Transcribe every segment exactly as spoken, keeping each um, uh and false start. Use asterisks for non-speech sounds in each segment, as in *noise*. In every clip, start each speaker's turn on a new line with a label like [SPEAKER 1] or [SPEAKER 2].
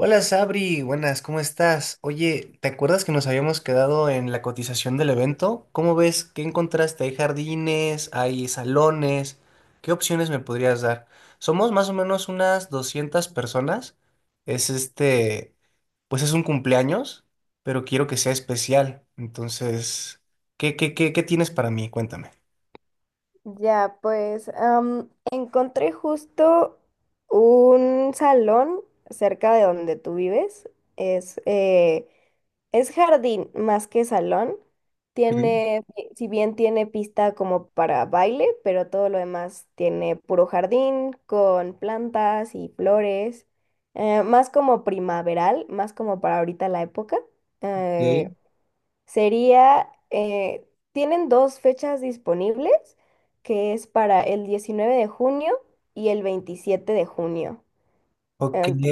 [SPEAKER 1] Hola Sabri, buenas, ¿cómo estás? Oye, ¿te acuerdas que nos habíamos quedado en la cotización del evento? ¿Cómo ves? ¿Qué encontraste? ¿Hay jardines? ¿Hay salones? ¿Qué opciones me podrías dar? Somos más o menos unas doscientas personas. Es este, pues es un cumpleaños, pero quiero que sea especial. Entonces, ¿qué, qué, qué, qué tienes para mí? Cuéntame.
[SPEAKER 2] Ya, pues am, encontré justo un salón cerca de donde tú vives. Es, eh, es jardín más que salón.
[SPEAKER 1] Ok,
[SPEAKER 2] Tiene, si si bien tiene pista como para baile, pero todo lo demás tiene puro jardín con plantas y flores. Eh, más como primaveral, más como para ahorita la época. eh, Sería, eh, Tienen dos fechas disponibles, que es para el diecinueve de junio y el veintisiete de junio.
[SPEAKER 1] Ok.
[SPEAKER 2] Ento-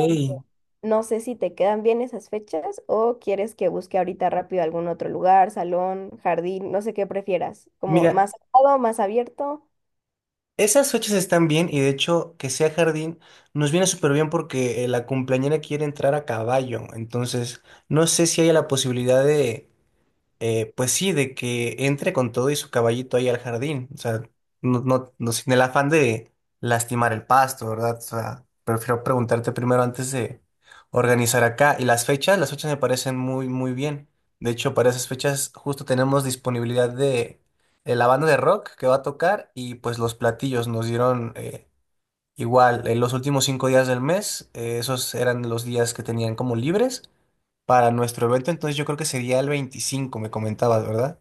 [SPEAKER 2] no sé si te quedan bien esas fechas o quieres que busque ahorita rápido algún otro lugar, salón, jardín, no sé qué prefieras, como
[SPEAKER 1] Mira,
[SPEAKER 2] más cerrado, más abierto.
[SPEAKER 1] Esas fechas están bien y de hecho que sea jardín nos viene súper bien porque eh, la cumpleañera quiere entrar a caballo. Entonces, no sé si haya la posibilidad de eh, pues sí, de que entre con todo y su caballito ahí al jardín. O sea, no, no, no sin el afán de lastimar el pasto, ¿verdad? O sea, prefiero preguntarte primero antes de organizar acá. Y las fechas, las fechas me parecen muy, muy bien. De hecho, para esas fechas justo tenemos disponibilidad de, de la banda de rock que va a tocar y pues los platillos nos dieron eh, igual en los últimos cinco días del mes. eh, esos eran los días que tenían como libres para nuestro evento. Entonces yo creo que sería el veinticinco, me comentabas, ¿verdad?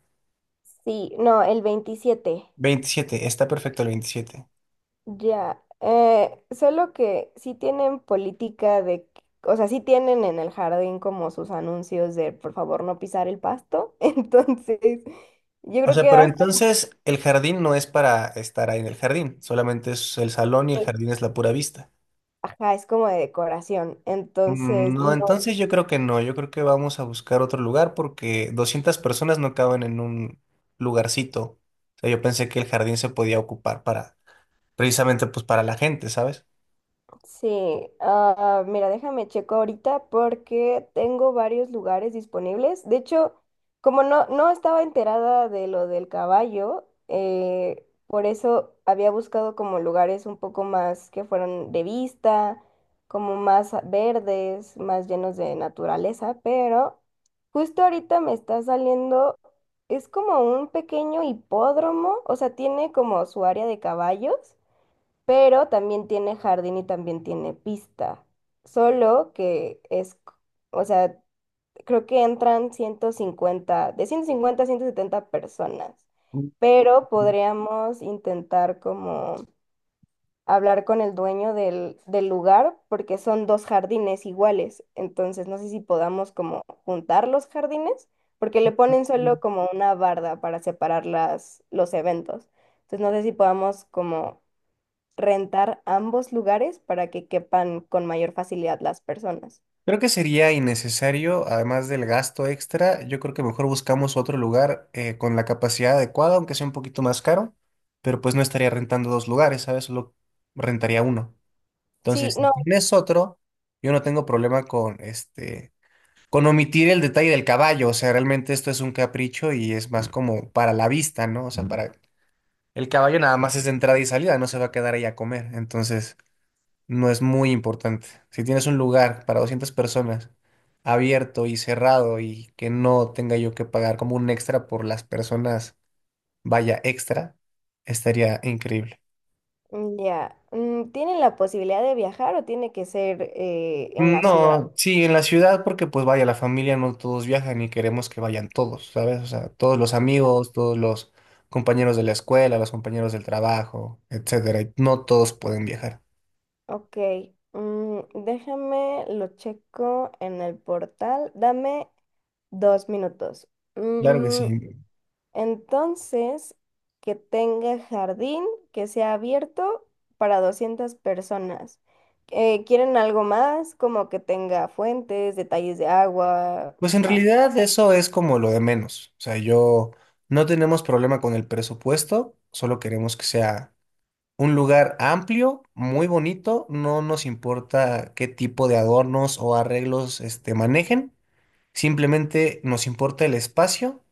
[SPEAKER 2] Sí, no, el veintisiete.
[SPEAKER 1] Veintisiete, está perfecto el veintisiete.
[SPEAKER 2] Ya, eh, solo que sí tienen política de, que- o sea, sí tienen en el jardín como sus anuncios de por favor no pisar el pasto, *laughs* entonces yo
[SPEAKER 1] O
[SPEAKER 2] creo que
[SPEAKER 1] sea, pero
[SPEAKER 2] bastante,
[SPEAKER 1] entonces el jardín no es para estar ahí en el jardín, solamente es el salón y el jardín es la pura vista.
[SPEAKER 2] ajá, es como de decoración,
[SPEAKER 1] Mm,
[SPEAKER 2] entonces
[SPEAKER 1] No, entonces yo creo que no, yo creo que vamos a buscar otro lugar porque doscientas personas no caben en un lugarcito. O sea, yo pensé que el jardín se podía ocupar para, precisamente pues para la gente, ¿sabes?
[SPEAKER 2] sí, ah, mira, déjame checo ahorita porque tengo varios lugares disponibles. De hecho, como no, no estaba enterada de lo del caballo, eh, por eso había buscado como lugares un poco más que fueran de vista, como más a- verdes, más llenos de naturaleza, pero justo ahorita me está saliendo, es como un pequeño hipódromo, o sea, tiene como su área de caballos pero también tiene jardín y también tiene pista. Solo que es, c- o sea, creo que entran ciento cincuenta de ciento cincuenta a ciento setenta personas,
[SPEAKER 1] Mm.
[SPEAKER 2] pero podríamos intentar como hablar con el dueño del, del lugar porque son dos jardines iguales. Entonces, no sé si podamos como juntar los jardines. Porque le ponen solo como una barda para separar las, los eventos. Entonces no sé si podamos como rentar ambos lugares para que quepan con mayor facilidad las personas.
[SPEAKER 1] Creo que sería innecesario, además del gasto extra. Yo creo que mejor buscamos otro lugar eh, con la capacidad adecuada, aunque sea un poquito más caro, pero pues no estaría rentando dos lugares, ¿sabes? Solo rentaría uno.
[SPEAKER 2] Sí,
[SPEAKER 1] Entonces, si
[SPEAKER 2] no,
[SPEAKER 1] tienes otro, yo no tengo problema con este, con omitir el detalle del caballo. O sea, realmente esto es un capricho y es más como para la vista, ¿no? O sea, para el caballo nada más es de entrada y salida, no se va a quedar ahí a comer, entonces no es muy importante. Si tienes un lugar para doscientas personas abierto y cerrado y que no tenga yo que pagar como un extra por las personas, vaya extra, estaría increíble.
[SPEAKER 2] mm, ya. Mm, ¿tienen la posibilidad de viajar o tiene que ser eh, en la ciudad?
[SPEAKER 1] No, sí, en la ciudad, porque pues vaya, la familia no todos viajan y queremos que vayan todos, ¿sabes? O sea, todos los amigos, todos los compañeros de la escuela, los compañeros del trabajo, etcétera, y No todos pueden viajar.
[SPEAKER 2] Ok, mm, déjame, lo checo en el portal. Dame dos minutos.
[SPEAKER 1] Claro que sí.
[SPEAKER 2] Mm, entonces, que tenga jardín, que sea abierto para doscientas personas. Eh, ¿quieren algo más? Como que tenga fuentes, detalles de agua,
[SPEAKER 1] Pues en
[SPEAKER 2] más.
[SPEAKER 1] realidad eso es como lo de menos. O sea, yo no tenemos problema con el presupuesto, solo queremos que sea un lugar amplio, muy bonito, no nos importa qué tipo de adornos o arreglos este, manejen, simplemente nos importa el espacio,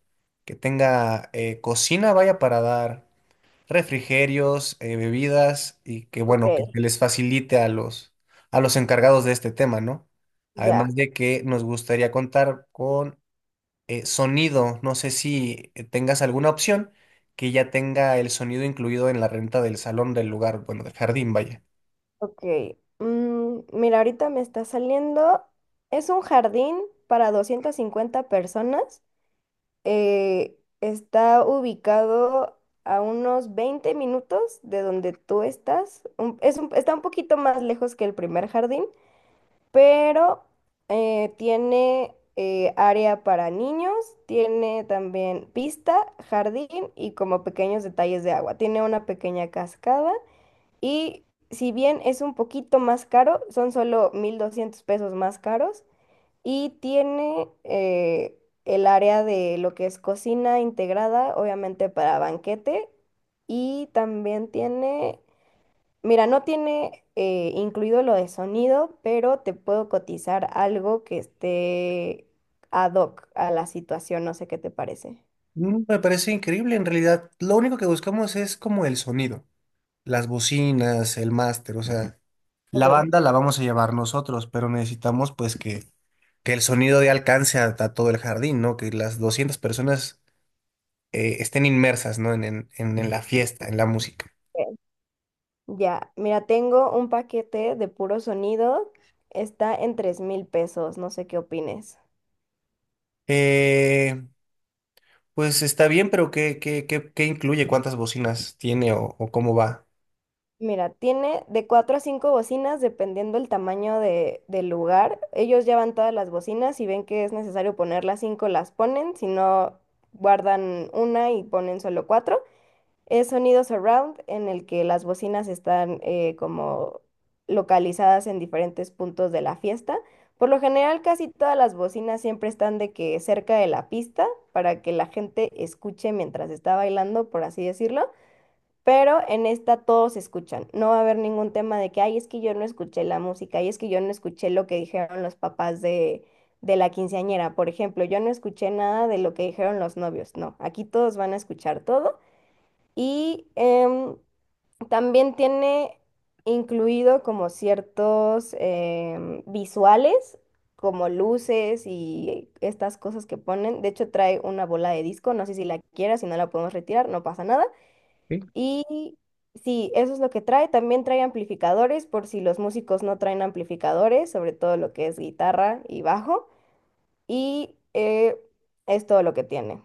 [SPEAKER 1] que tenga eh, cocina, vaya, para dar refrigerios, eh, bebidas, y que
[SPEAKER 2] Ok,
[SPEAKER 1] bueno, que se les facilite a los, a los encargados de este tema, ¿no?
[SPEAKER 2] ya,
[SPEAKER 1] Además de que nos gustaría contar con eh, sonido. No sé si eh, tengas alguna opción que ya tenga el sonido incluido en la renta del salón del lugar, bueno, del jardín, vaya.
[SPEAKER 2] ok. Mm, mira, ahorita me está saliendo. Es un jardín para doscientas cincuenta personas. Eh, está ubicado a unos veinte minutos de donde tú estás. Un- es un- está un poquito más lejos que el primer jardín. Pero eh, tiene eh, área para niños, tiene también pista, jardín y como pequeños detalles de agua. Tiene una pequeña cascada y si bien es un poquito más caro, son solo mil doscientos pesos más caros y tiene eh, el área de lo que es cocina integrada, obviamente para banquete y también tiene... Mira, no tiene eh, incluido lo de sonido, pero te puedo cotizar algo que esté ad hoc a la situación, no sé qué te parece.
[SPEAKER 1] Mm, Me parece increíble, en realidad. Lo único que buscamos es como el sonido, las bocinas, el máster, o sea,
[SPEAKER 2] Ok,
[SPEAKER 1] la banda la vamos a llevar nosotros, pero necesitamos pues que, que el sonido dé alcance a, a todo el jardín, ¿no? Que las doscientas personas eh, estén inmersas, ¿no? En, en, en- en la fiesta, en la música.
[SPEAKER 2] ok, ya, mira, tengo un paquete de puro sonido, está en tres mil pesos, no sé qué opines.
[SPEAKER 1] Eh, Pues está bien, pero ¿qué, qué, qué, qué incluye? ¿Cuántas bocinas tiene o, o cómo va?
[SPEAKER 2] Mira, tiene de cuatro a cinco bocinas dependiendo el tamaño de, del lugar. Ellos llevan todas las bocinas y ven que es necesario poner las cinco, las ponen, si no, guardan una y ponen solo cuatro. Es sonido surround en el que las bocinas están eh, como localizadas en diferentes puntos de la fiesta. Por lo general, casi todas las bocinas siempre están de que cerca de la pista para que la gente escuche mientras está bailando, por así decirlo. Pero en esta todos escuchan. No va a haber ningún tema de que, ay, es que yo no escuché la música, ay, es que yo no escuché lo que dijeron los papás de, de la quinceañera. Por ejemplo, yo no escuché nada de lo que dijeron los novios. No, aquí todos van a escuchar todo. Y em, también tiene incluido como ciertos em, visuales, como luces y estas cosas que ponen. De hecho, trae una bola de disco. No sé si la quieras, si no la podemos retirar, no pasa nada.
[SPEAKER 1] Sí.
[SPEAKER 2] Y sí, eso es lo que trae. También trae amplificadores por si los músicos no traen amplificadores, sobre todo lo que es guitarra y bajo. Y eh, es todo lo que tiene.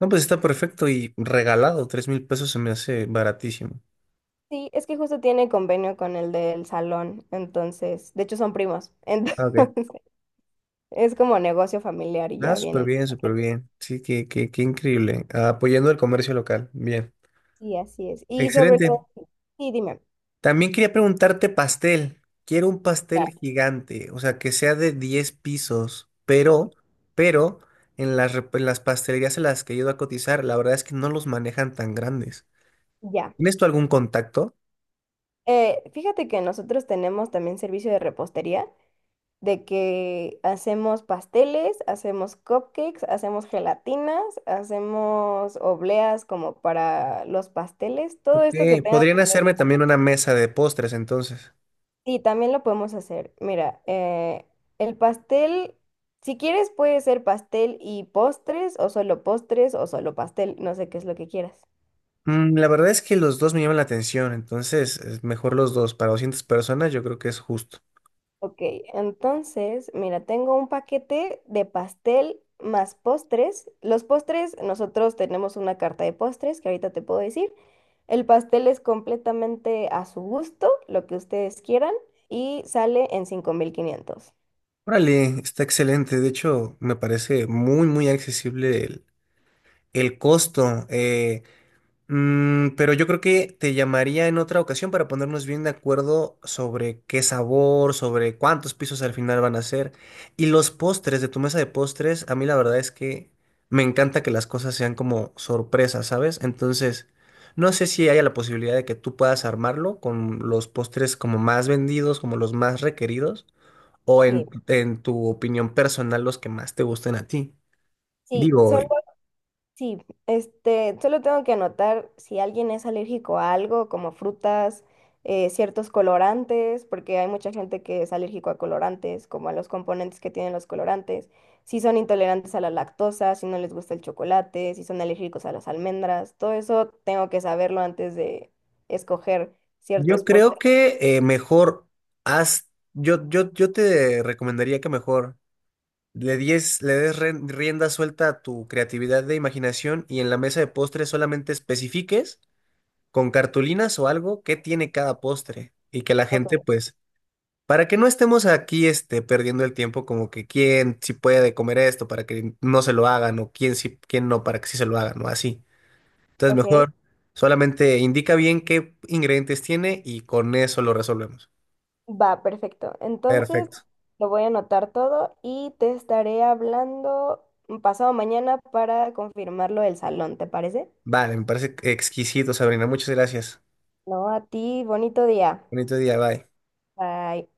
[SPEAKER 1] No, pues está perfecto y regalado. Tres mil pesos se me hace baratísimo.
[SPEAKER 2] Sí, es que justo tiene convenio con el del salón, entonces, de hecho son primos, *laughs*
[SPEAKER 1] Ah, ok.
[SPEAKER 2] entonces es como negocio familiar y
[SPEAKER 1] Ah,
[SPEAKER 2] ya
[SPEAKER 1] súper
[SPEAKER 2] vienen.
[SPEAKER 1] bien,
[SPEAKER 2] a
[SPEAKER 1] súper
[SPEAKER 2] que-
[SPEAKER 1] bien. Sí, qué, qué, qué increíble. Ah, apoyando el comercio local. Bien.
[SPEAKER 2] Sí, así es. Y sobre
[SPEAKER 1] Excelente.
[SPEAKER 2] todo, sí, dime,
[SPEAKER 1] También quería preguntarte pastel. Quiero un
[SPEAKER 2] ya,
[SPEAKER 1] pastel gigante, o sea, que sea de diez pisos, pero, pero en las, rep- en las pastelerías en las que he ido a cotizar, la verdad es que no los manejan tan grandes.
[SPEAKER 2] ya.
[SPEAKER 1] ¿Tienes tú algún contacto?
[SPEAKER 2] Eh, fíjate que nosotros tenemos también servicio de repostería, de que hacemos pasteles, hacemos cupcakes, hacemos gelatinas, hacemos obleas como para los pasteles, todo
[SPEAKER 1] Ok,
[SPEAKER 2] esto que tenga
[SPEAKER 1] podrían
[SPEAKER 2] que ver
[SPEAKER 1] hacerme también una mesa de postres entonces.
[SPEAKER 2] sí, también lo podemos hacer. Mira, eh, el pastel, si quieres puede ser pastel y postres o solo postres o solo pastel, no sé qué es lo que quieras.
[SPEAKER 1] Mm, la verdad es que los dos me llaman la atención, entonces es mejor los dos. Para doscientas personas yo creo que es justo.
[SPEAKER 2] Ok, entonces, mira, tengo un paquete de pastel más postres. Los postres, nosotros tenemos una carta de postres que ahorita te puedo decir. El pastel es completamente a su gusto, lo que ustedes quieran, y sale en cinco mil quinientos.
[SPEAKER 1] Órale, está excelente. De hecho, me parece muy, muy accesible el, el costo. Eh, Mm, pero yo creo que te llamaría en otra ocasión para ponernos bien de acuerdo sobre qué sabor, sobre cuántos pisos al final van a ser. Y los postres de tu mesa de postres, a mí la verdad es que me encanta que las cosas sean como sorpresas, ¿sabes? Entonces, no sé si haya la posibilidad de que tú puedas armarlo con los postres como más vendidos, como los más requeridos, o en,
[SPEAKER 2] Sí.
[SPEAKER 1] en tu opinión personal los que más te gusten a ti.
[SPEAKER 2] Sí,
[SPEAKER 1] Digo,
[SPEAKER 2] solo. Sí, este, solo tengo que anotar si alguien es alérgico a algo, como frutas, eh, ciertos colorantes, porque hay mucha gente que es alérgico a colorantes, como a los componentes que tienen los colorantes, si son intolerantes a la lactosa, si no les gusta el chocolate, si son alérgicos a las almendras, todo eso tengo que saberlo antes de escoger
[SPEAKER 1] yo
[SPEAKER 2] ciertos
[SPEAKER 1] creo
[SPEAKER 2] postres.
[SPEAKER 1] que eh, mejor haz, yo, yo, yo te recomendaría que mejor le dies, le des ren- rienda suelta a tu creatividad de imaginación, y en la mesa de postres solamente especifiques con cartulinas o algo qué tiene cada postre y que la gente
[SPEAKER 2] Ok,
[SPEAKER 1] pues, para que no estemos aquí este, perdiendo el tiempo como que quién sí puede comer esto para que no se lo hagan, o quién sí, quién no para que sí se lo hagan o así. Entonces
[SPEAKER 2] ok.
[SPEAKER 1] mejor solamente indica bien qué ingredientes tiene y con eso lo resolvemos.
[SPEAKER 2] Va, perfecto. Entonces,
[SPEAKER 1] Perfecto.
[SPEAKER 2] lo voy a anotar todo y te estaré hablando pasado mañana para confirmarlo el salón, ¿te parece?
[SPEAKER 1] Vale, me parece exquisito, Sabrina. Muchas gracias.
[SPEAKER 2] No, a ti, bonito día.
[SPEAKER 1] Bonito día, bye.
[SPEAKER 2] Bye.